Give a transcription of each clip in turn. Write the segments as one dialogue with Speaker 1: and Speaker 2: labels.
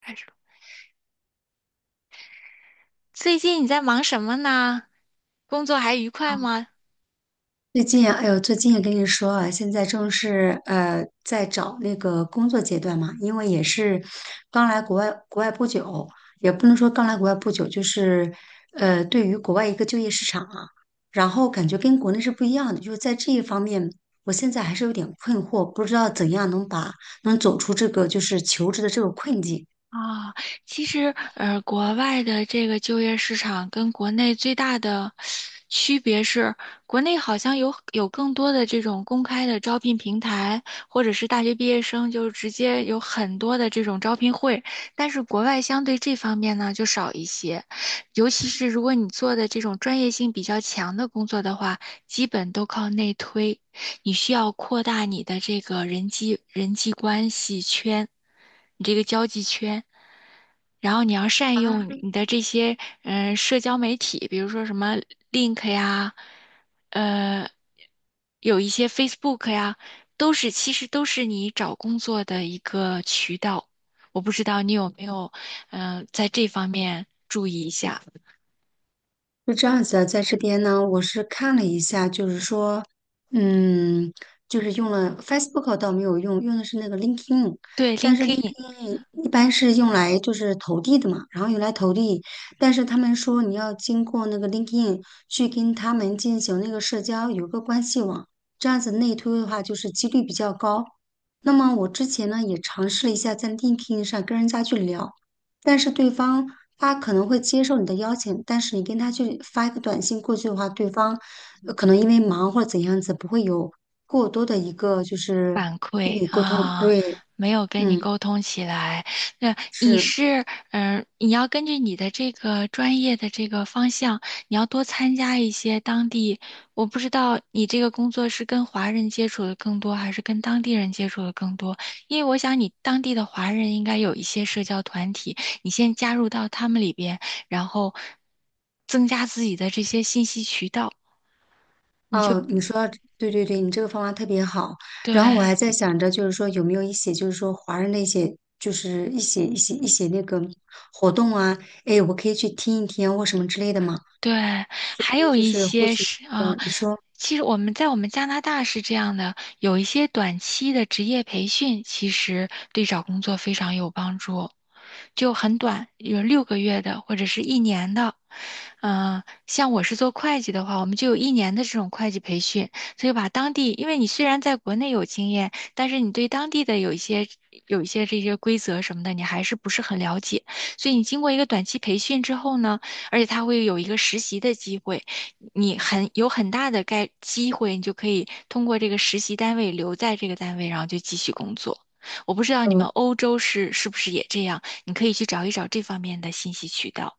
Speaker 1: 开始了。最近你在忙什么呢？工作还愉快吗？
Speaker 2: 最近啊，哎呦，最近也跟你说啊，现在正是在找那个工作阶段嘛，因为也是刚来国外不久，也不能说刚来国外不久，就是对于国外一个就业市场啊，然后感觉跟国内是不一样的，就是在这一方面，我现在还是有点困惑，不知道怎样能走出这个就是求职的这个困境。
Speaker 1: 啊，其实，国外的这个就业市场跟国内最大的区别是，国内好像有更多的这种公开的招聘平台，或者是大学毕业生就直接有很多的这种招聘会，但是国外相对这方面呢就少一些，尤其是如果你做的这种专业性比较强的工作的话，基本都靠内推，你需要扩大你的这个人际关系圈，你这个交际圈，然后你要善用
Speaker 2: 啊。
Speaker 1: 你的这些社交媒体，比如说什么 Link 呀，呃，有一些 Facebook 呀，其实都是你找工作的一个渠道。我不知道你有没有在这方面注意一下。
Speaker 2: 是这样子的，在这边呢，我是看了一下，就是说，嗯，就是用了 Facebook 倒没有用，用的是那个 LinkedIn，
Speaker 1: 对。 LinkedIn，
Speaker 2: 因为一般是用来就是投递的嘛，然后用来投递，但是他们说你要经过那个 LinkedIn 去跟他们进行那个社交，有个关系网，这样子内推的话，就是几率比较高。那么我之前呢也尝试了一下在 LinkedIn 上跟人家去聊，但是对方他可能会接受你的邀请，但是你跟他去发一个短信过去的话，对方可能因为忙或者怎样子，不会有过多的一个就是
Speaker 1: 反
Speaker 2: 跟
Speaker 1: 馈
Speaker 2: 你沟通。
Speaker 1: 啊。
Speaker 2: 对，
Speaker 1: 没有跟你
Speaker 2: 嗯，
Speaker 1: 沟通起来。那你
Speaker 2: 是。
Speaker 1: 是，你要根据你的这个专业的这个方向，你要多参加一些当地。我不知道你这个工作是跟华人接触的更多，还是跟当地人接触的更多？因为我想你当地的华人应该有一些社交团体，你先加入到他们里边，然后增加自己的这些信息渠道。
Speaker 2: 哦，你说到对对对，你这个方法特别好。然后我
Speaker 1: 对
Speaker 2: 还在想着，就是说有没有一些，就是说华人的一些，就是一些那个活动啊，哎，我可以去听一听啊或什么之类的嘛。
Speaker 1: 对，
Speaker 2: 所
Speaker 1: 还
Speaker 2: 以
Speaker 1: 有
Speaker 2: 就
Speaker 1: 一
Speaker 2: 是获
Speaker 1: 些
Speaker 2: 取，
Speaker 1: 是啊，
Speaker 2: 你说，
Speaker 1: 其实我们在我们加拿大是这样的，有一些短期的职业培训，其实对找工作非常有帮助，就很短，有6个月的或者是一年的。像我是做会计的话，我们就有一年的这种会计培训，所以把当地，因为你虽然在国内有经验，但是你对当地的有一些这些规则什么的，你还是不是很了解，所以你经过一个短期培训之后呢，而且他会有一个实习的机会，你很大的机会，你就可以通过这个实习单位留在这个单位，然后就继续工作。我不知道你们
Speaker 2: 嗯，
Speaker 1: 欧洲是不是也这样，你可以去找一找这方面的信息渠道。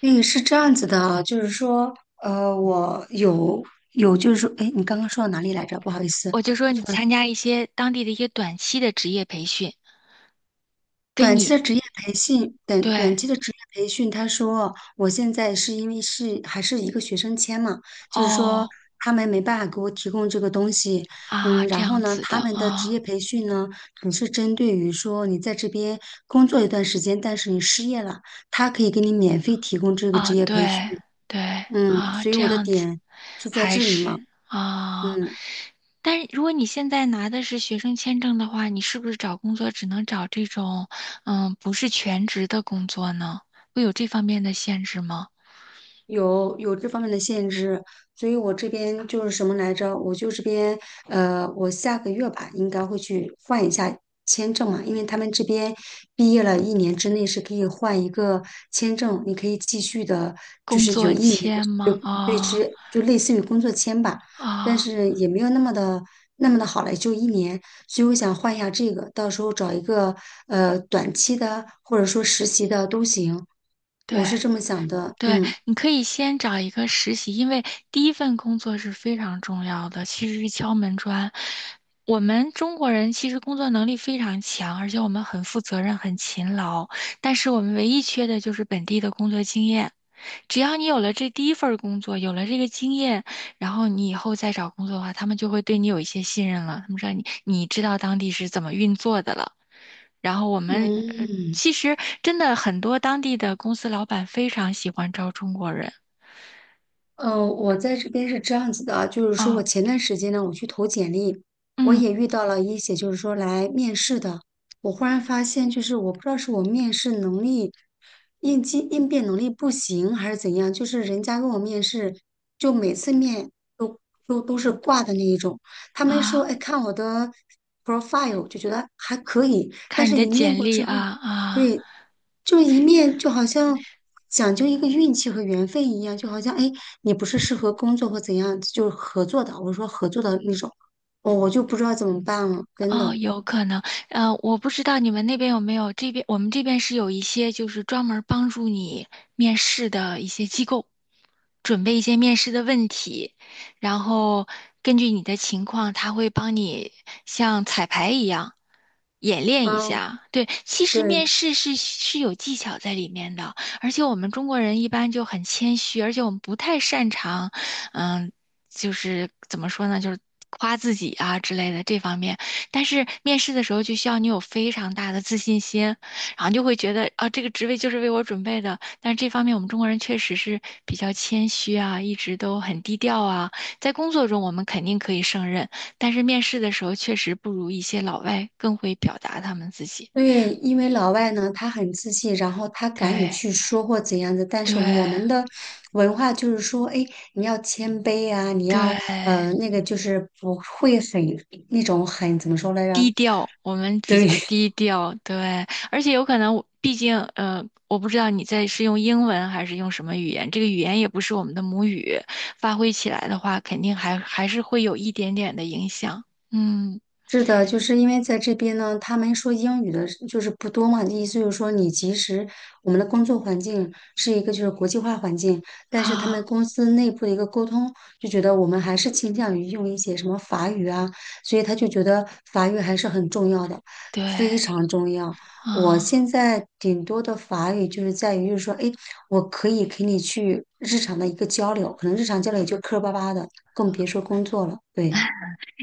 Speaker 2: 个是这样子的啊，就是说，我有，就是说，哎，你刚刚说到哪里来着？不好意思。
Speaker 1: 我就说你参加一些当地的一些短期的职业培训，跟
Speaker 2: 短期
Speaker 1: 你。
Speaker 2: 的职业培训，短短
Speaker 1: 对。
Speaker 2: 期的职业培训，他说我现在是因为是还是一个学生签嘛，就是说
Speaker 1: 哦。
Speaker 2: 他们没办法给我提供这个东西，
Speaker 1: 啊，这
Speaker 2: 然后
Speaker 1: 样
Speaker 2: 呢，
Speaker 1: 子
Speaker 2: 他
Speaker 1: 的
Speaker 2: 们的职
Speaker 1: 啊。
Speaker 2: 业培训呢，只是针对于说你在这边工作一段时间，但是你失业了，他可以给你免费提供这个
Speaker 1: 啊。
Speaker 2: 职业培训，
Speaker 1: 对。对。啊，
Speaker 2: 所以
Speaker 1: 这
Speaker 2: 我的
Speaker 1: 样子。
Speaker 2: 点就在
Speaker 1: 还
Speaker 2: 这里嘛，
Speaker 1: 是。啊，
Speaker 2: 嗯。
Speaker 1: 但是如果你现在拿的是学生签证的话，你是不是找工作只能找这种，嗯，不是全职的工作呢？会有这方面的限制吗？
Speaker 2: 有这方面的限制，所以我这边就是什么来着？我就这边我下个月吧，应该会去换一下签证嘛，因为他们这边毕业了一年之内是可以换一个签证，你可以继续的，就
Speaker 1: 工
Speaker 2: 是有
Speaker 1: 作
Speaker 2: 一年
Speaker 1: 签
Speaker 2: 的
Speaker 1: 吗？
Speaker 2: 就对
Speaker 1: 啊。
Speaker 2: 之，就类似于工作签吧，但
Speaker 1: 啊。
Speaker 2: 是也没有那么的好了，就一年，所以我想换一下这个，到时候找一个短期的或者说实习的都行，我
Speaker 1: 对。
Speaker 2: 是这么想的，
Speaker 1: 对，
Speaker 2: 嗯。
Speaker 1: 你可以先找一个实习，因为第一份工作是非常重要的，其实是敲门砖。我们中国人其实工作能力非常强，而且我们很负责任、很勤劳，但是我们唯一缺的就是本地的工作经验。只要你有了这第一份儿工作，有了这个经验，然后你以后再找工作的话，他们就会对你有一些信任了。他们让你知道当地是怎么运作的了。然后我们呃，
Speaker 2: 嗯，
Speaker 1: 其实真的很多当地的公司老板非常喜欢招中国人。
Speaker 2: 我在这边是这样子的啊，就是说我
Speaker 1: 哦。
Speaker 2: 前段时间呢，我去投简历，我
Speaker 1: 嗯。
Speaker 2: 也遇到了一些就是说来面试的，我忽然发现就是我不知道是我面试能力、应激应变能力不行还是怎样，就是人家跟我面试，就每次面都都是挂的那一种，他们说
Speaker 1: 啊，
Speaker 2: 哎看我的 profile 就觉得还可以，但
Speaker 1: 看你
Speaker 2: 是
Speaker 1: 的
Speaker 2: 一面
Speaker 1: 简
Speaker 2: 过
Speaker 1: 历
Speaker 2: 之
Speaker 1: 啊。
Speaker 2: 后，
Speaker 1: 啊。
Speaker 2: 对，就一面就好像讲究一个运气和缘分一样，就好像哎，诶你不是适合工作或怎样，就是合作的，我说合作的那种，我就不知道怎么办了，真
Speaker 1: 哦，
Speaker 2: 的。
Speaker 1: 有可能，我不知道你们那边有没有，这边我们这边是有一些就是专门帮助你面试的一些机构，准备一些面试的问题，然后根据你的情况，他会帮你像彩排一样演练一
Speaker 2: 啊，
Speaker 1: 下。对，其实面
Speaker 2: 对
Speaker 1: 试是有技巧在里面的，而且我们中国人一般就很谦虚，而且我们不太擅长，嗯，就是怎么说呢，就是夸自己啊之类的这方面。但是面试的时候就需要你有非常大的自信心，然后就会觉得啊，这个职位就是为我准备的。但是这方面我们中国人确实是比较谦虚啊，一直都很低调啊。在工作中我们肯定可以胜任，但是面试的时候确实不如一些老外更会表达他们自己。
Speaker 2: 对，因为老外呢，他很自信，然后他敢于
Speaker 1: 对
Speaker 2: 去说或怎样的，但是我们
Speaker 1: 对
Speaker 2: 的文化就是说，哎，你要谦卑啊，你要
Speaker 1: 对，
Speaker 2: 那个就是不会很那种很怎么说来
Speaker 1: 低
Speaker 2: 着？
Speaker 1: 调，我们比较
Speaker 2: 对，
Speaker 1: 低调，对，而且有可能我，毕竟，我不知道你是用英文还是用什么语言，这个语言也不是我们的母语，发挥起来的话，肯定还是会有一点点的影响。嗯。
Speaker 2: 是的，就是因为在这边呢，他们说英语的就是不多嘛，意思就是说你即使我们的工作环境是一个就是国际化环境，但是他们
Speaker 1: 啊。
Speaker 2: 公司内部的一个沟通，就觉得我们还是倾向于用一些什么法语啊，所以他就觉得法语还是很重要的，
Speaker 1: 对。
Speaker 2: 非常重要。我
Speaker 1: 啊，
Speaker 2: 现在顶多的法语就是在于，就是说，哎，我可以给你去日常的一个交流，可能日常交流也就磕磕巴巴的，更别说工作了。对，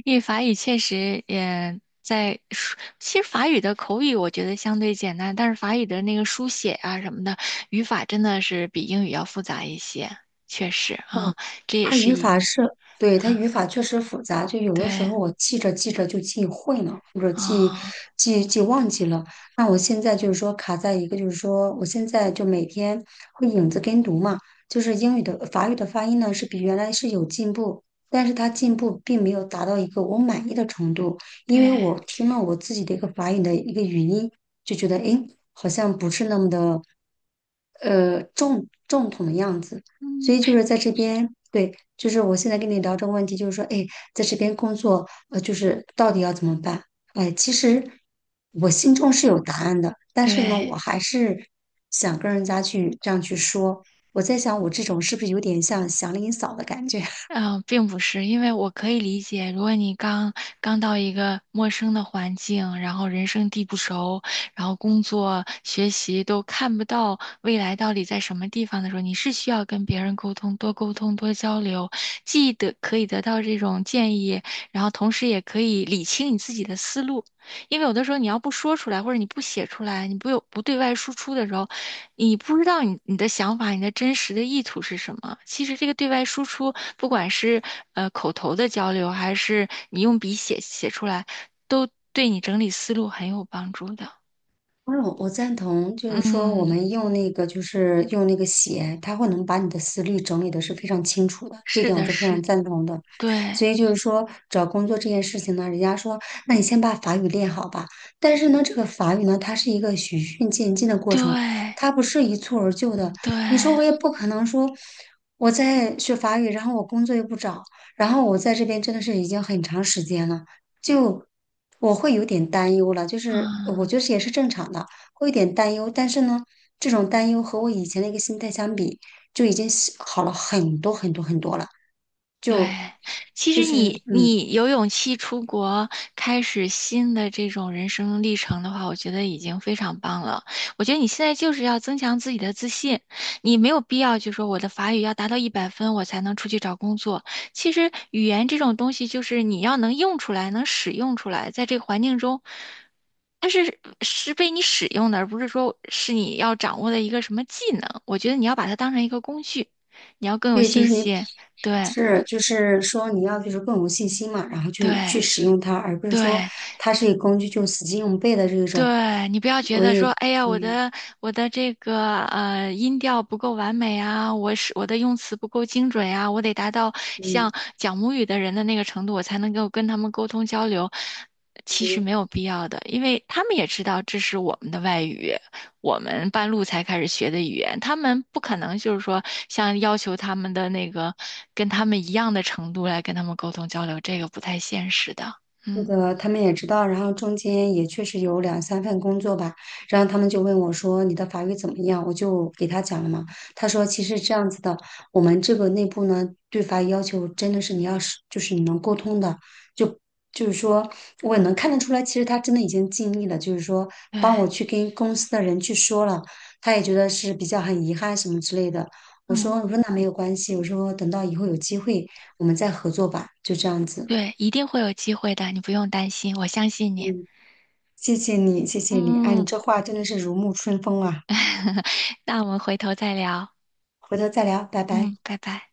Speaker 1: 因为法语确实也在书其实法语的口语我觉得相对简单，但是法语的那个书写啊什么的，语法真的是比英语要复杂一些，确实啊，
Speaker 2: 嗯，
Speaker 1: 这也
Speaker 2: 它
Speaker 1: 是
Speaker 2: 语
Speaker 1: 一。
Speaker 2: 法是，对，它
Speaker 1: 啊。
Speaker 2: 语法确实复杂，就有的时
Speaker 1: 对。
Speaker 2: 候我记着记着就记混了，或者记
Speaker 1: 啊。
Speaker 2: 记记忘记了。那我现在就是说卡在一个，就是说我现在就每天会影子跟读嘛，就是英语的法语的发音呢是比原来是有进步，但是它进步并没有达到一个我满意的程度，因
Speaker 1: 对。
Speaker 2: 为我听了我自己的一个法语的一个语音，就觉得诶好像不是那么的正统的样子。所
Speaker 1: 嗯。
Speaker 2: 以就是在这边，对，就是我现在跟你聊这个问题，就是说，哎，在这边工作，就是到底要怎么办？哎，其实我心中是有答案的，但是呢，
Speaker 1: 对。
Speaker 2: 我还是想跟人家去这样去说。我在想，我这种是不是有点像祥林嫂的感觉？
Speaker 1: 嗯、并不是，因为我可以理解，如果你刚刚到一个陌生的环境，然后人生地不熟，然后工作、学习都看不到未来到底在什么地方的时候，你是需要跟别人沟通，多沟通，多交流，既得可以得到这种建议，然后同时也可以理清你自己的思路。因为有的时候你要不说出来，或者你不写出来，你不对外输出的时候，你不知道你的想法，你的真实的意图是什么？其实这个对外输出，不管是口头的交流，还是你用笔写出来，都对你整理思路很有帮助的。
Speaker 2: 嗯，我赞同，就是说我
Speaker 1: 嗯。
Speaker 2: 们用那个，就是用那个写，它会能把你的思虑整理的是非常清楚的，这
Speaker 1: 是
Speaker 2: 点我
Speaker 1: 的，
Speaker 2: 是非常
Speaker 1: 是，
Speaker 2: 赞同的。
Speaker 1: 对。
Speaker 2: 所以就是说，找工作这件事情呢，人家说，那你先把法语练好吧。但是呢，这个法语呢，它是一个循序渐进的过程，
Speaker 1: 对。
Speaker 2: 它不是一蹴而就的。
Speaker 1: 对。
Speaker 2: 你说我也不可能说我在学法语，然后我工作又不找，然后我在这边真的是已经很长时间了。就我会有点担忧了，就是我
Speaker 1: 嗯。
Speaker 2: 觉得也是正常的，会有点担忧。但是呢，这种担忧和我以前的一个心态相比，就已经是好了很多很多很多了。
Speaker 1: 对，
Speaker 2: 就
Speaker 1: 其
Speaker 2: 就
Speaker 1: 实
Speaker 2: 是
Speaker 1: 你
Speaker 2: 嗯，
Speaker 1: 你有勇气出国，开始新的这种人生历程的话，我觉得已经非常棒了。我觉得你现在就是要增强自己的自信，你没有必要就说我的法语要达到100分，我才能出去找工作。其实语言这种东西，就是你要能用出来，能使用出来，在这个环境中，它是被你使用的，而不是说是你要掌握的一个什么技能。我觉得你要把它当成一个工具，你要更有
Speaker 2: 对，就
Speaker 1: 信
Speaker 2: 是你
Speaker 1: 心。对。
Speaker 2: 是就是说你要就是更有信心嘛，然后去
Speaker 1: 对
Speaker 2: 去使用它，而不是说
Speaker 1: 对
Speaker 2: 它是一个工具就死记硬背的这种。
Speaker 1: 对，你不要觉
Speaker 2: 我
Speaker 1: 得
Speaker 2: 也
Speaker 1: 说，哎呀，我
Speaker 2: 对，
Speaker 1: 的我的这个音调不够完美啊，我的用词不够精准呀、啊，我得达到
Speaker 2: 嗯。
Speaker 1: 像讲母语的人的那个程度，我才能够跟他们沟通交流。其实没有必要的，因为他们也知道这是我们的外语，我们半路才开始学的语言，他们不可能就是说像要求他们的那个跟他们一样的程度来跟他们沟通交流，这个不太现实的。
Speaker 2: 那
Speaker 1: 嗯。
Speaker 2: 个他们也知道，然后中间也确实有两三份工作吧，然后他们就问我说：“你的法语怎么样？”我就给他讲了嘛。他说：“其实这样子的，我们这个内部呢，对法语要求真的是你要是就是你能沟通的，就就是说我也能看得出来，其实他真的已经尽力了，就是说
Speaker 1: 对。
Speaker 2: 帮我去跟公司的人去说了，他也觉得是比较很遗憾什么之类的。”我
Speaker 1: 嗯。
Speaker 2: 说：“我说那没有关系，我说等到以后有机会我们再合作吧，就这样子。
Speaker 1: 对，一定会有机会的，你不用担心，我相信你。
Speaker 2: 嗯”谢谢你，谢谢你，哎，你
Speaker 1: 嗯，
Speaker 2: 这话真的是如沐春风啊！
Speaker 1: 那我们回头再聊。
Speaker 2: 回头再聊，拜拜。
Speaker 1: 嗯，拜拜。